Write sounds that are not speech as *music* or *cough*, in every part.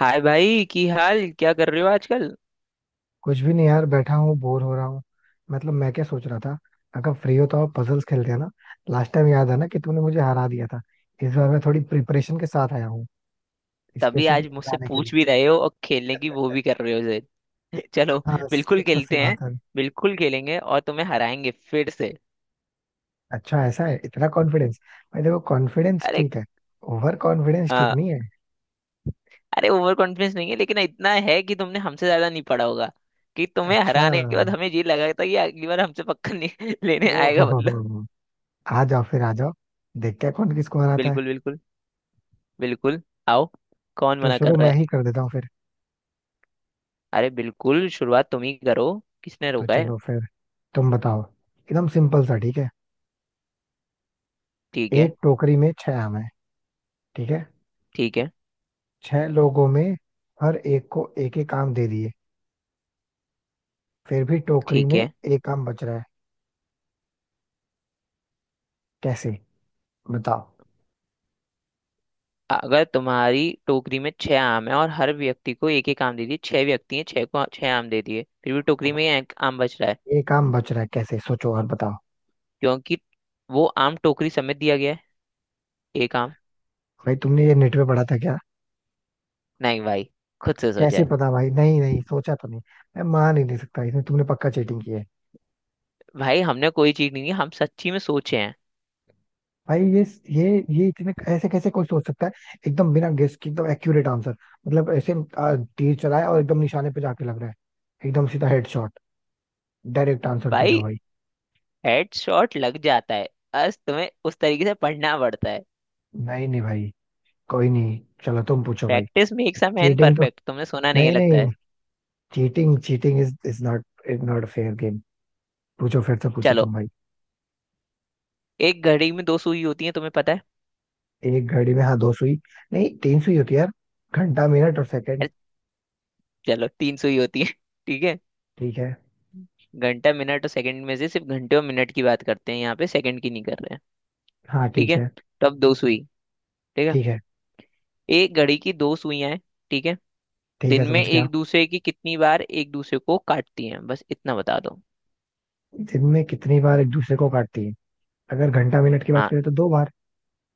हाय भाई, की हाल क्या कर रहे हो आजकल? कुछ भी नहीं यार, बैठा हूँ बोर हो रहा हूँ। मतलब मैं क्या सोच रहा था, अगर फ्री हो तो? आप पजल्स खेलते हैं ना। लास्ट टाइम याद है ना, कि तुमने मुझे हरा दिया था। इस बार मैं थोड़ी प्रिपरेशन के साथ आया हूँ, तभी स्पेशली आज तुम्हें मुझसे हराने के पूछ लिए। भी रहे हो और खेलने की वो भी कर रहे हो जिद। *laughs* चलो, हाँ। बिल्कुल कुछ कुछ सी खेलते हैं। बात है। बिल्कुल खेलेंगे और तुम्हें हराएंगे फिर से। अच्छा, ऐसा है इतना कॉन्फिडेंस? भाई देखो, कॉन्फिडेंस अरे। ठीक है, ओवर कॉन्फिडेंस ठीक आ, नहीं है। अरे, ओवर कॉन्फिडेंस नहीं है, लेकिन इतना है कि तुमने हमसे ज्यादा नहीं पढ़ा होगा। कि तुम्हें अच्छा। हराने के बाद हमें ये लगा था कि अगली बार हमसे पक्का नहीं *laughs* लेने आएगा ओहो बदला। हो, हो। आ जाओ फिर, आ जाओ। देखते हैं कौन किसको हराता है। बिल्कुल बिल्कुल। बिल्कुल। आओ, कौन तो मना कर शुरू रहा मैं है? ही कर देता हूँ फिर। अरे बिल्कुल, शुरुआत तुम ही करो। किसने तो रोका है? चलो फिर, तुम बताओ। एकदम सिंपल सा, ठीक है। ठीक है। एक टोकरी में छह आम है, ठीक है? ठीक है। छह लोगों में हर एक को एक एक काम दे दिए, फिर भी टोकरी ठीक में है। एक काम बच रहा है। कैसे, बताओ? अगर तुम्हारी टोकरी में छह आम है और हर व्यक्ति को एक एक आम दे दिए, छह व्यक्ति हैं, छह को छह आम दे दिए, फिर भी टोकरी में एक आम बच रहा है। एक काम बच रहा है, कैसे? सोचो और बताओ। क्योंकि वो आम टोकरी समेत दिया गया है। एक आम। भाई तुमने ये नेट पे पढ़ा था क्या? नहीं भाई, खुद से सोचा कैसे है। पता भाई, नहीं नहीं सोचा तो नहीं। मैं मान ही नहीं सकता, इसमें तुमने पक्का चीटिंग की है भाई हमने कोई चीज नहीं की, हम सच्ची में सोचे हैं। भाई। ये ये इतने ऐसे कैसे कोई सोच सकता है, एकदम बिना गेस के एकदम एक्यूरेट आंसर। मतलब ऐसे तीर चलाया और एकदम निशाने पे जाके लग रहा है, एकदम सीधा हेडशॉट। डायरेक्ट आंसर दे रहे हो भाई भाई। हेडशॉट लग जाता है, बस तुम्हें उस तरीके से पढ़ना पड़ता है। नहीं नहीं भाई, कोई नहीं, चलो तुम पूछो भाई। Practice makes a man cheating तो, परफेक्ट, तुमने सुना नहीं है नहीं लगता नहीं, है। Cheating cheating is is not, is not fair game. पूछो फिर, तो पूछो चलो। तुम भाई। एक घड़ी में दो सुई होती है, तुम्हें पता है? एक घड़ी में, हाँ, दो सुई? नहीं, तीन सुई होती है यार, घंटा मिनट और सेकंड। अरे, चलो तीन सुई होती है *laughs* ठीक है। ठीक है। घंटा मिनट और सेकंड में से सिर्फ घंटे और मिनट की बात करते हैं, यहाँ पे सेकंड की नहीं कर रहे हैं। हाँ ठीक ठीक है। है। तो अब दो सुई, ठीक है। ठीक है। एक घड़ी की दो सुइयां हैं, ठीक है। ठीक है, दिन में समझ गया। एक दूसरे की कितनी बार एक दूसरे को काटती हैं, बस इतना बता दो। दिन में कितनी बार एक दूसरे को काटती है? अगर घंटा मिनट की बात हाँ। करें तो दो बार।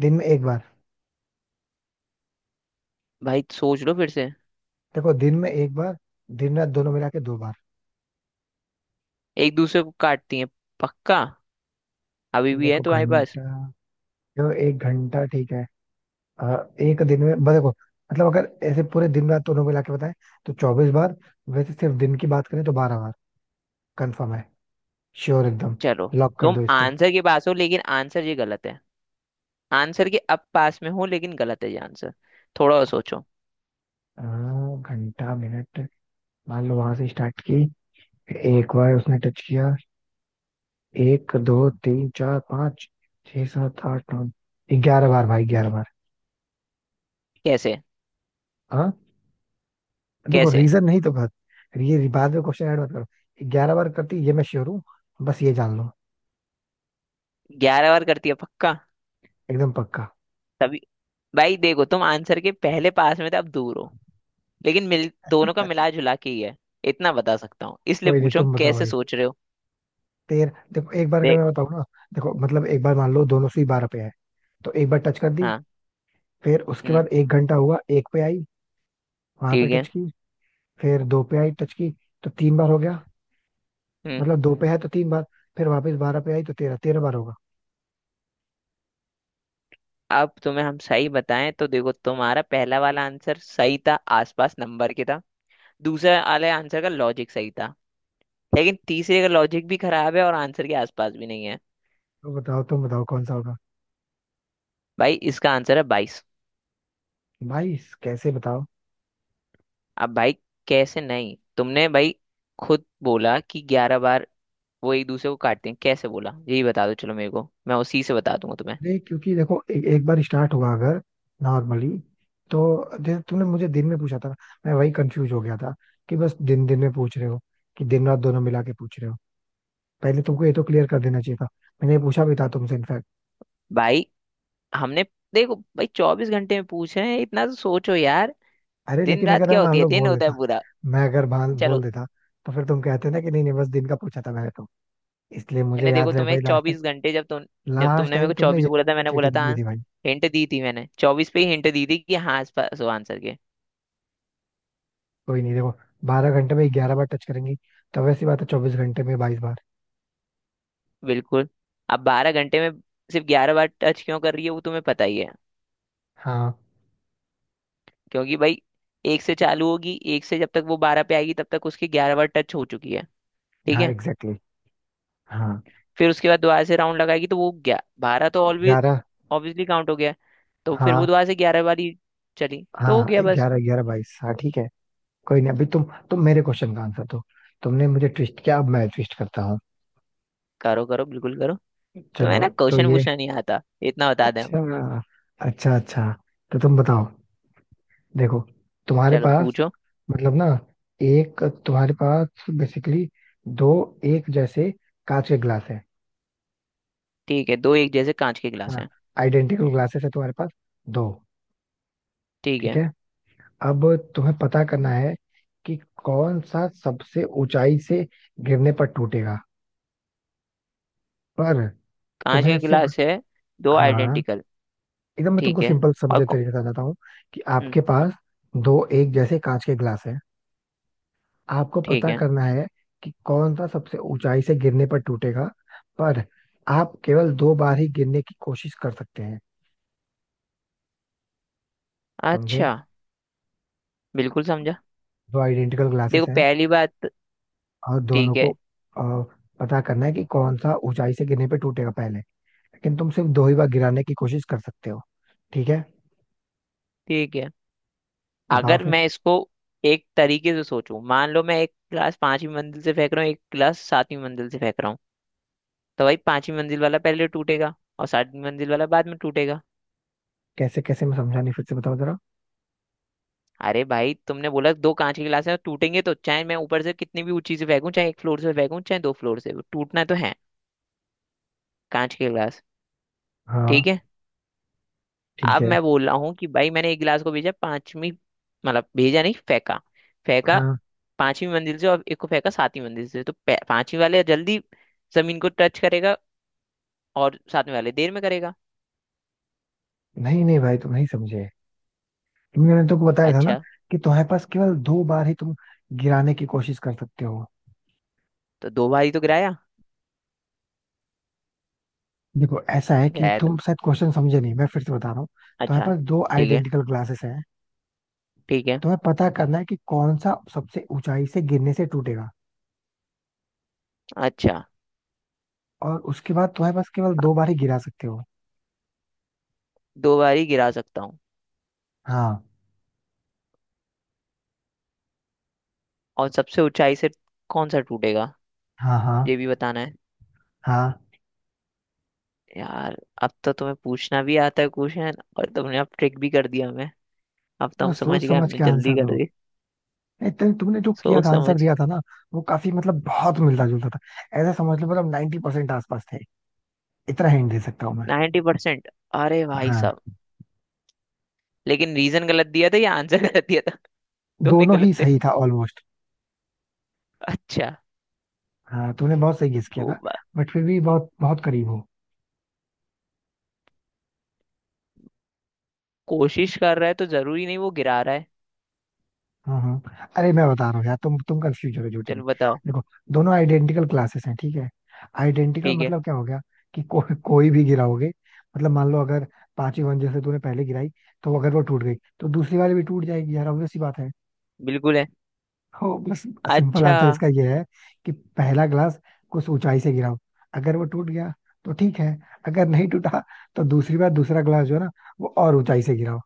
दिन में एक बार। भाई सोच लो फिर से। देखो दिन में एक बार, दिन रात दोनों मिला के दो बार। एक दूसरे को काटती हैं, पक्का? अभी भी है देखो तुम्हारे पास। घंटा, देखो एक घंटा, ठीक है। अ, एक दिन में मतलब देखो, मतलब अगर ऐसे पूरे दिन रात दोनों मिला के बताएं तो 24 बार। वैसे सिर्फ दिन की बात करें तो 12 बार। कंफर्म है, श्योर एकदम, चलो, लॉक कर तुम दो इसको। आंसर के पास हो, लेकिन आंसर ये गलत है। आंसर के अब पास में हो, लेकिन गलत है ये आंसर। थोड़ा और सोचो। अ, घंटा मिनट, मान लो वहां से स्टार्ट की, एक बार उसने टच किया। एक, दो, तीन, चार, पाँच, छह, सात, आठ, नौ, 11 बार भाई, 11 बार। कैसे? हाँ। देखो कैसे रीजन नहीं, तो बस, ये बाद में क्वेश्चन ऐड मत करो। 11 बार करती ये, मैं श्योर हूँ, बस ये जान लो। 11 बार करती है, पक्का? एकदम पक्का। तभी। भाई देखो, तुम आंसर के पहले पास में थे, अब दूर हो। लेकिन मिल दोनों का *laughs* मिला जुला के ही है। इतना बता सकता हूँ, इसलिए कोई नहीं, पूछा हूँ, तुम बताओ। कैसे सोच रहे हो? तेरह, देखो, एक बार अगर देख। मैं बताऊं ना, देखो मतलब एक बार मान लो दोनों सुई बारह पे है, तो एक बार टच कर दी। हाँ। फिर उसके हम्म। बाद एक घंटा हुआ, एक पे आई, वहां पे ठीक टच है। की। फिर दो पे आई, टच की, तो तीन बार हो गया। हम्म। मतलब दो पे है तो तीन बार। फिर वापस बारह पे आई, तो तेरह, तेरह बार होगा। अब तुम्हें हम सही बताएं तो देखो, तुम्हारा पहला वाला आंसर सही था, आसपास नंबर के था। दूसरा वाले आंसर का लॉजिक सही था। लेकिन तीसरे का लॉजिक भी खराब है और आंसर के आसपास भी नहीं है। तो बताओ, तुम बताओ कौन सा होगा। भाई इसका आंसर है 22। भाई, कैसे? बताओ। अब भाई, कैसे नहीं? तुमने भाई खुद बोला कि 11 बार वो एक दूसरे को काटते हैं, कैसे बोला? यही बता दो, चलो मेरे को, मैं उसी से बता दूंगा तुम्हें। अरे क्योंकि देखो एक बार स्टार्ट हुआ अगर, नॉर्मली, तो जैसे तुमने मुझे दिन में पूछा था ना, मैं वही कंफ्यूज हो गया था कि बस दिन दिन में पूछ रहे हो कि दिन रात दोनों मिला के पूछ रहे हो। पहले तुमको ये तो क्लियर कर देना चाहिए था, मैंने ये पूछा भी था तुमसे इनफैक्ट। भाई हमने। देखो भाई, 24 घंटे में पूछे हैं, इतना तो सोचो यार। अरे दिन लेकिन रात अगर मैं क्या होती मान है? लो दिन बोल होता है देता, पूरा। मैं अगर बाल बोल चलो, देता, तो फिर तुम कहते ना कि नहीं नहीं बस दिन का पूछा था मैंने तो। इसलिए मुझे मैंने देखो याद रहे तुम्हें भाई, लास्ट चौबीस टाइम, घंटे जब तुम, जब लास्ट तुमने मेरे को टाइम तुमने 24 ये बोला बोल था, के मैंने बोला चीटिंग था की हाँ। थी भाई। हिंट दी थी, मैंने 24 पे ही हिंट दी थी कि हाँ, इस पास हो आंसर के। कोई नहीं, देखो, 12 घंटे में 11 बार टच करेंगी तो वैसी बात है, 24 घंटे में 22 बार। बिल्कुल। अब 12 घंटे में सिर्फ 11 बार टच क्यों कर रही है, वो तुम्हें पता ही है। हाँ क्योंकि भाई, एक से चालू होगी, एक से जब तक वो 12 पे आएगी तब तक उसकी 11 बार टच हो चुकी है। ठीक हाँ, है। एग्जैक्टली। हाँ। फिर उसके बाद दोबारा से राउंड लगाएगी तो वो ग्या 12 तो ऑलवेज ग्यारह। ऑब्वियसली काउंट हो गया। तो फिर वो हाँ दोबारा से 11 वाली चली तो हो हाँ, गया बस। ग्यारह, ग्यारह बाईस, हाँ ठीक है। कोई नहीं, अभी तुम मेरे क्वेश्चन का आंसर दो। तुमने मुझे ट्विस्ट किया, अब मैं ट्विस्ट करता हूँ। करो करो, बिल्कुल करो। तो है चलो ना, तो क्वेश्चन ये। पूछना नहीं आता, इतना बता दें हम। अच्छा, अच्छा अच्छा, तो तुम बताओ। देखो तुम्हारे चलो पास, पूछो। मतलब ना, एक तुम्हारे पास बेसिकली, दो एक जैसे कांच के ग्लास है। ठीक है। दो एक जैसे कांच के गिलास हाँ। हैं, आइडेंटिकल ग्लासेस है तुम्हारे पास, दो। ठीक ठीक है। है, अब तुम्हें पता करना है कि कौन सा सबसे ऊंचाई से गिरने पर टूटेगा, पर कांच तुम्हें के सिर्फ, गिलास है, दो हाँ, आइडेंटिकल। एकदम मैं ठीक तुमको है। सिंपल और समझे तरीके से बताता हूँ कि हम्म, आपके पास दो एक जैसे कांच के ग्लास है। आपको ठीक पता है। करना है कि कौन सा सबसे ऊंचाई से गिरने पर टूटेगा, पर आप केवल दो बार ही गिरने की कोशिश कर सकते हैं। समझे? अच्छा, बिल्कुल समझा। दो आइडेंटिकल ग्लासेस देखो हैं, पहली बात। और ठीक दोनों को है। अ, पता करना है कि कौन सा ऊंचाई से गिरने पर टूटेगा पहले, लेकिन तुम सिर्फ दो ही बार गिराने की कोशिश कर सकते हो। ठीक है, ठीक है। बताओ अगर फिर। मैं इसको एक तरीके से सोचूं, मान लो मैं एक गिलास पांचवी मंजिल से फेंक रहा हूँ, एक गिलास सातवीं मंजिल से फेंक रहा हूँ। तो भाई पांचवी मंजिल वाला पहले टूटेगा और सातवीं मंजिल वाला बाद में टूटेगा। कैसे कैसे, मैं समझा नहीं, फिर से बताओ जरा। अरे भाई, तुमने बोला दो कांच के गिलास हैं, टूटेंगे तो, चाहे मैं ऊपर से कितनी भी ऊंची से फेंकूं, चाहे एक फ्लोर से फेंकूं चाहे दो फ्लोर से, वो टूटना तो है। कांच के गिलास। हाँ ठीक है। ठीक अब है। मैं बोल रहा हूँ कि भाई, मैंने एक गिलास को भेजा पांचवी, मतलब भेजा नहीं फेंका, फेंका हाँ। पांचवी मंजिल से, और एक को फेंका सातवीं मंजिल से। तो पांचवी वाले जल्दी जमीन को टच करेगा, और साथ में वाले देर में करेगा। नहीं नहीं भाई तुम नहीं समझे, तुमने मैंने तुमको बताया था ना अच्छा। कि तुम्हारे पास केवल दो बार ही तुम गिराने की कोशिश कर सकते हो। तो दो बारी तो गिराया। देखो ऐसा है कि गिराया तो। तुम शायद क्वेश्चन समझे नहीं, मैं फिर से बता रहा हूँ। तुम्हारे अच्छा। पास दो ठीक है। आइडेंटिकल ग्लासेस हैं, ठीक है। तुम्हें पता करना है कि कौन सा सबसे ऊंचाई से गिरने से टूटेगा, अच्छा। और उसके बाद तुम्हारे पास केवल अ, दो बार ही गिरा सकते हो। दो बारी गिरा सकता हूँ, हाँ और सबसे ऊंचाई से कौन सा टूटेगा, हाँ हाँ ये भी बताना है। हाँ। यार, अब तो तुम्हें पूछना भी आता है क्वेश्चन, और तुमने अब ट्रिक भी कर दिया हमें। अब तो हम बस समझ सोच गए, समझ हमने के जल्दी आंसर कर दो। दी। नहीं, तुमने जो किया सोच था समझ। आंसर दिया था ना, वो काफी मतलब बहुत मिलता जुलता था। ऐसा समझ लो मतलब 90% परसेंट आसपास थे, इतना हिंट दे सकता हूँ मैं। 90%? अरे भाई हाँ। साहब। लेकिन रीजन गलत दिया था या आंसर गलत दिया था, दोनों दोनों गलत ही थे? सही था ऑलमोस्ट। अच्छा। हाँ, तुमने बहुत सही गेस किया दो था, बार बट फिर भी बहुत बहुत करीब हो। कोशिश कर रहा है तो जरूरी नहीं वो गिरा रहा है। हाँ हाँ, अरे मैं बता रहा हूँ यार, तुम कंफ्यूज हो गए झूठे में। चलो बताओ। देखो, दोनों आइडेंटिकल क्लासेस हैं, ठीक है? आइडेंटिकल ठीक है। मतलब क्या हो गया कि कोई भी गिराओगे, मतलब मान लो अगर पांचवी मंजिल से तूने पहले गिराई, तो अगर वो टूट गई तो दूसरी वाली भी टूट जाएगी यार, obvious सी बात है। बिल्कुल है। हो बस। सिंपल अच्छा। आंसर इसका ये है कि पहला ग्लास कुछ ऊंचाई से गिराओ, अगर वो टूट गया तो ठीक है। अगर नहीं टूटा तो दूसरी बार दूसरा ग्लास जो है ना, वो और ऊंचाई से गिराओ।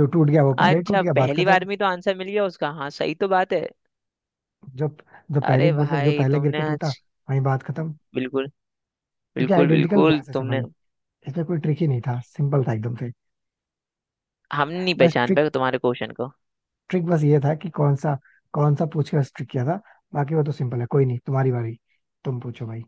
जो टूट गया वो पहले ही अच्छा, टूट गया, बात पहली खत्म। बार में तो आंसर मिल गया उसका, हाँ सही तो बात है। जो, जो पहली अरे मतलब जो भाई पहले गिर तुमने के टूटा, आज, वही, बात खत्म। बिल्कुल। क्योंकि बिल्कुल आइडेंटिकल बिल्कुल ग्लासेस है भाई, तुमने। इसमें कोई ट्रिक ही नहीं था, सिंपल था एकदम से। हम नहीं बस पहचान ट्रिक, पाए तुम्हारे क्वेश्चन को। ट्रिक बस ये था कि कौन सा, कौन सा पूछ के बस ट्रिक किया था। बाकी वो तो सिंपल है। कोई नहीं, तुम्हारी बारी, तुम पूछो भाई।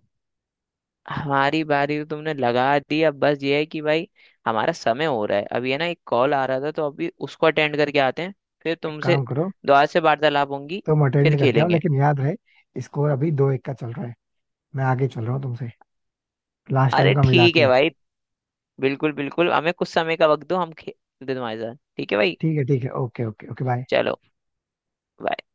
हमारी बारी तो तुमने लगा दी, अब बस ये है कि भाई, हमारा समय हो रहा है अभी, है ना? एक कॉल आ रहा था तो अभी उसको अटेंड करके आते हैं, फिर एक तुमसे काम करो, दोबारा से वार्तालाप होंगी, तुम फिर अटेंड करके आओ, खेलेंगे। लेकिन याद रहे स्कोर अभी 2-1 का चल रहा है, मैं आगे चल रहा हूँ तुमसे, लास्ट अरे टाइम का मिला ठीक है के। भाई। बिल्कुल बिल्कुल, हमें कुछ समय का वक्त दो, हम खेलते हैं तुम्हारे साथ, ठीक है भाई। ठीक है ठीक है, ओके ओके ओके, बाय। चलो। bye।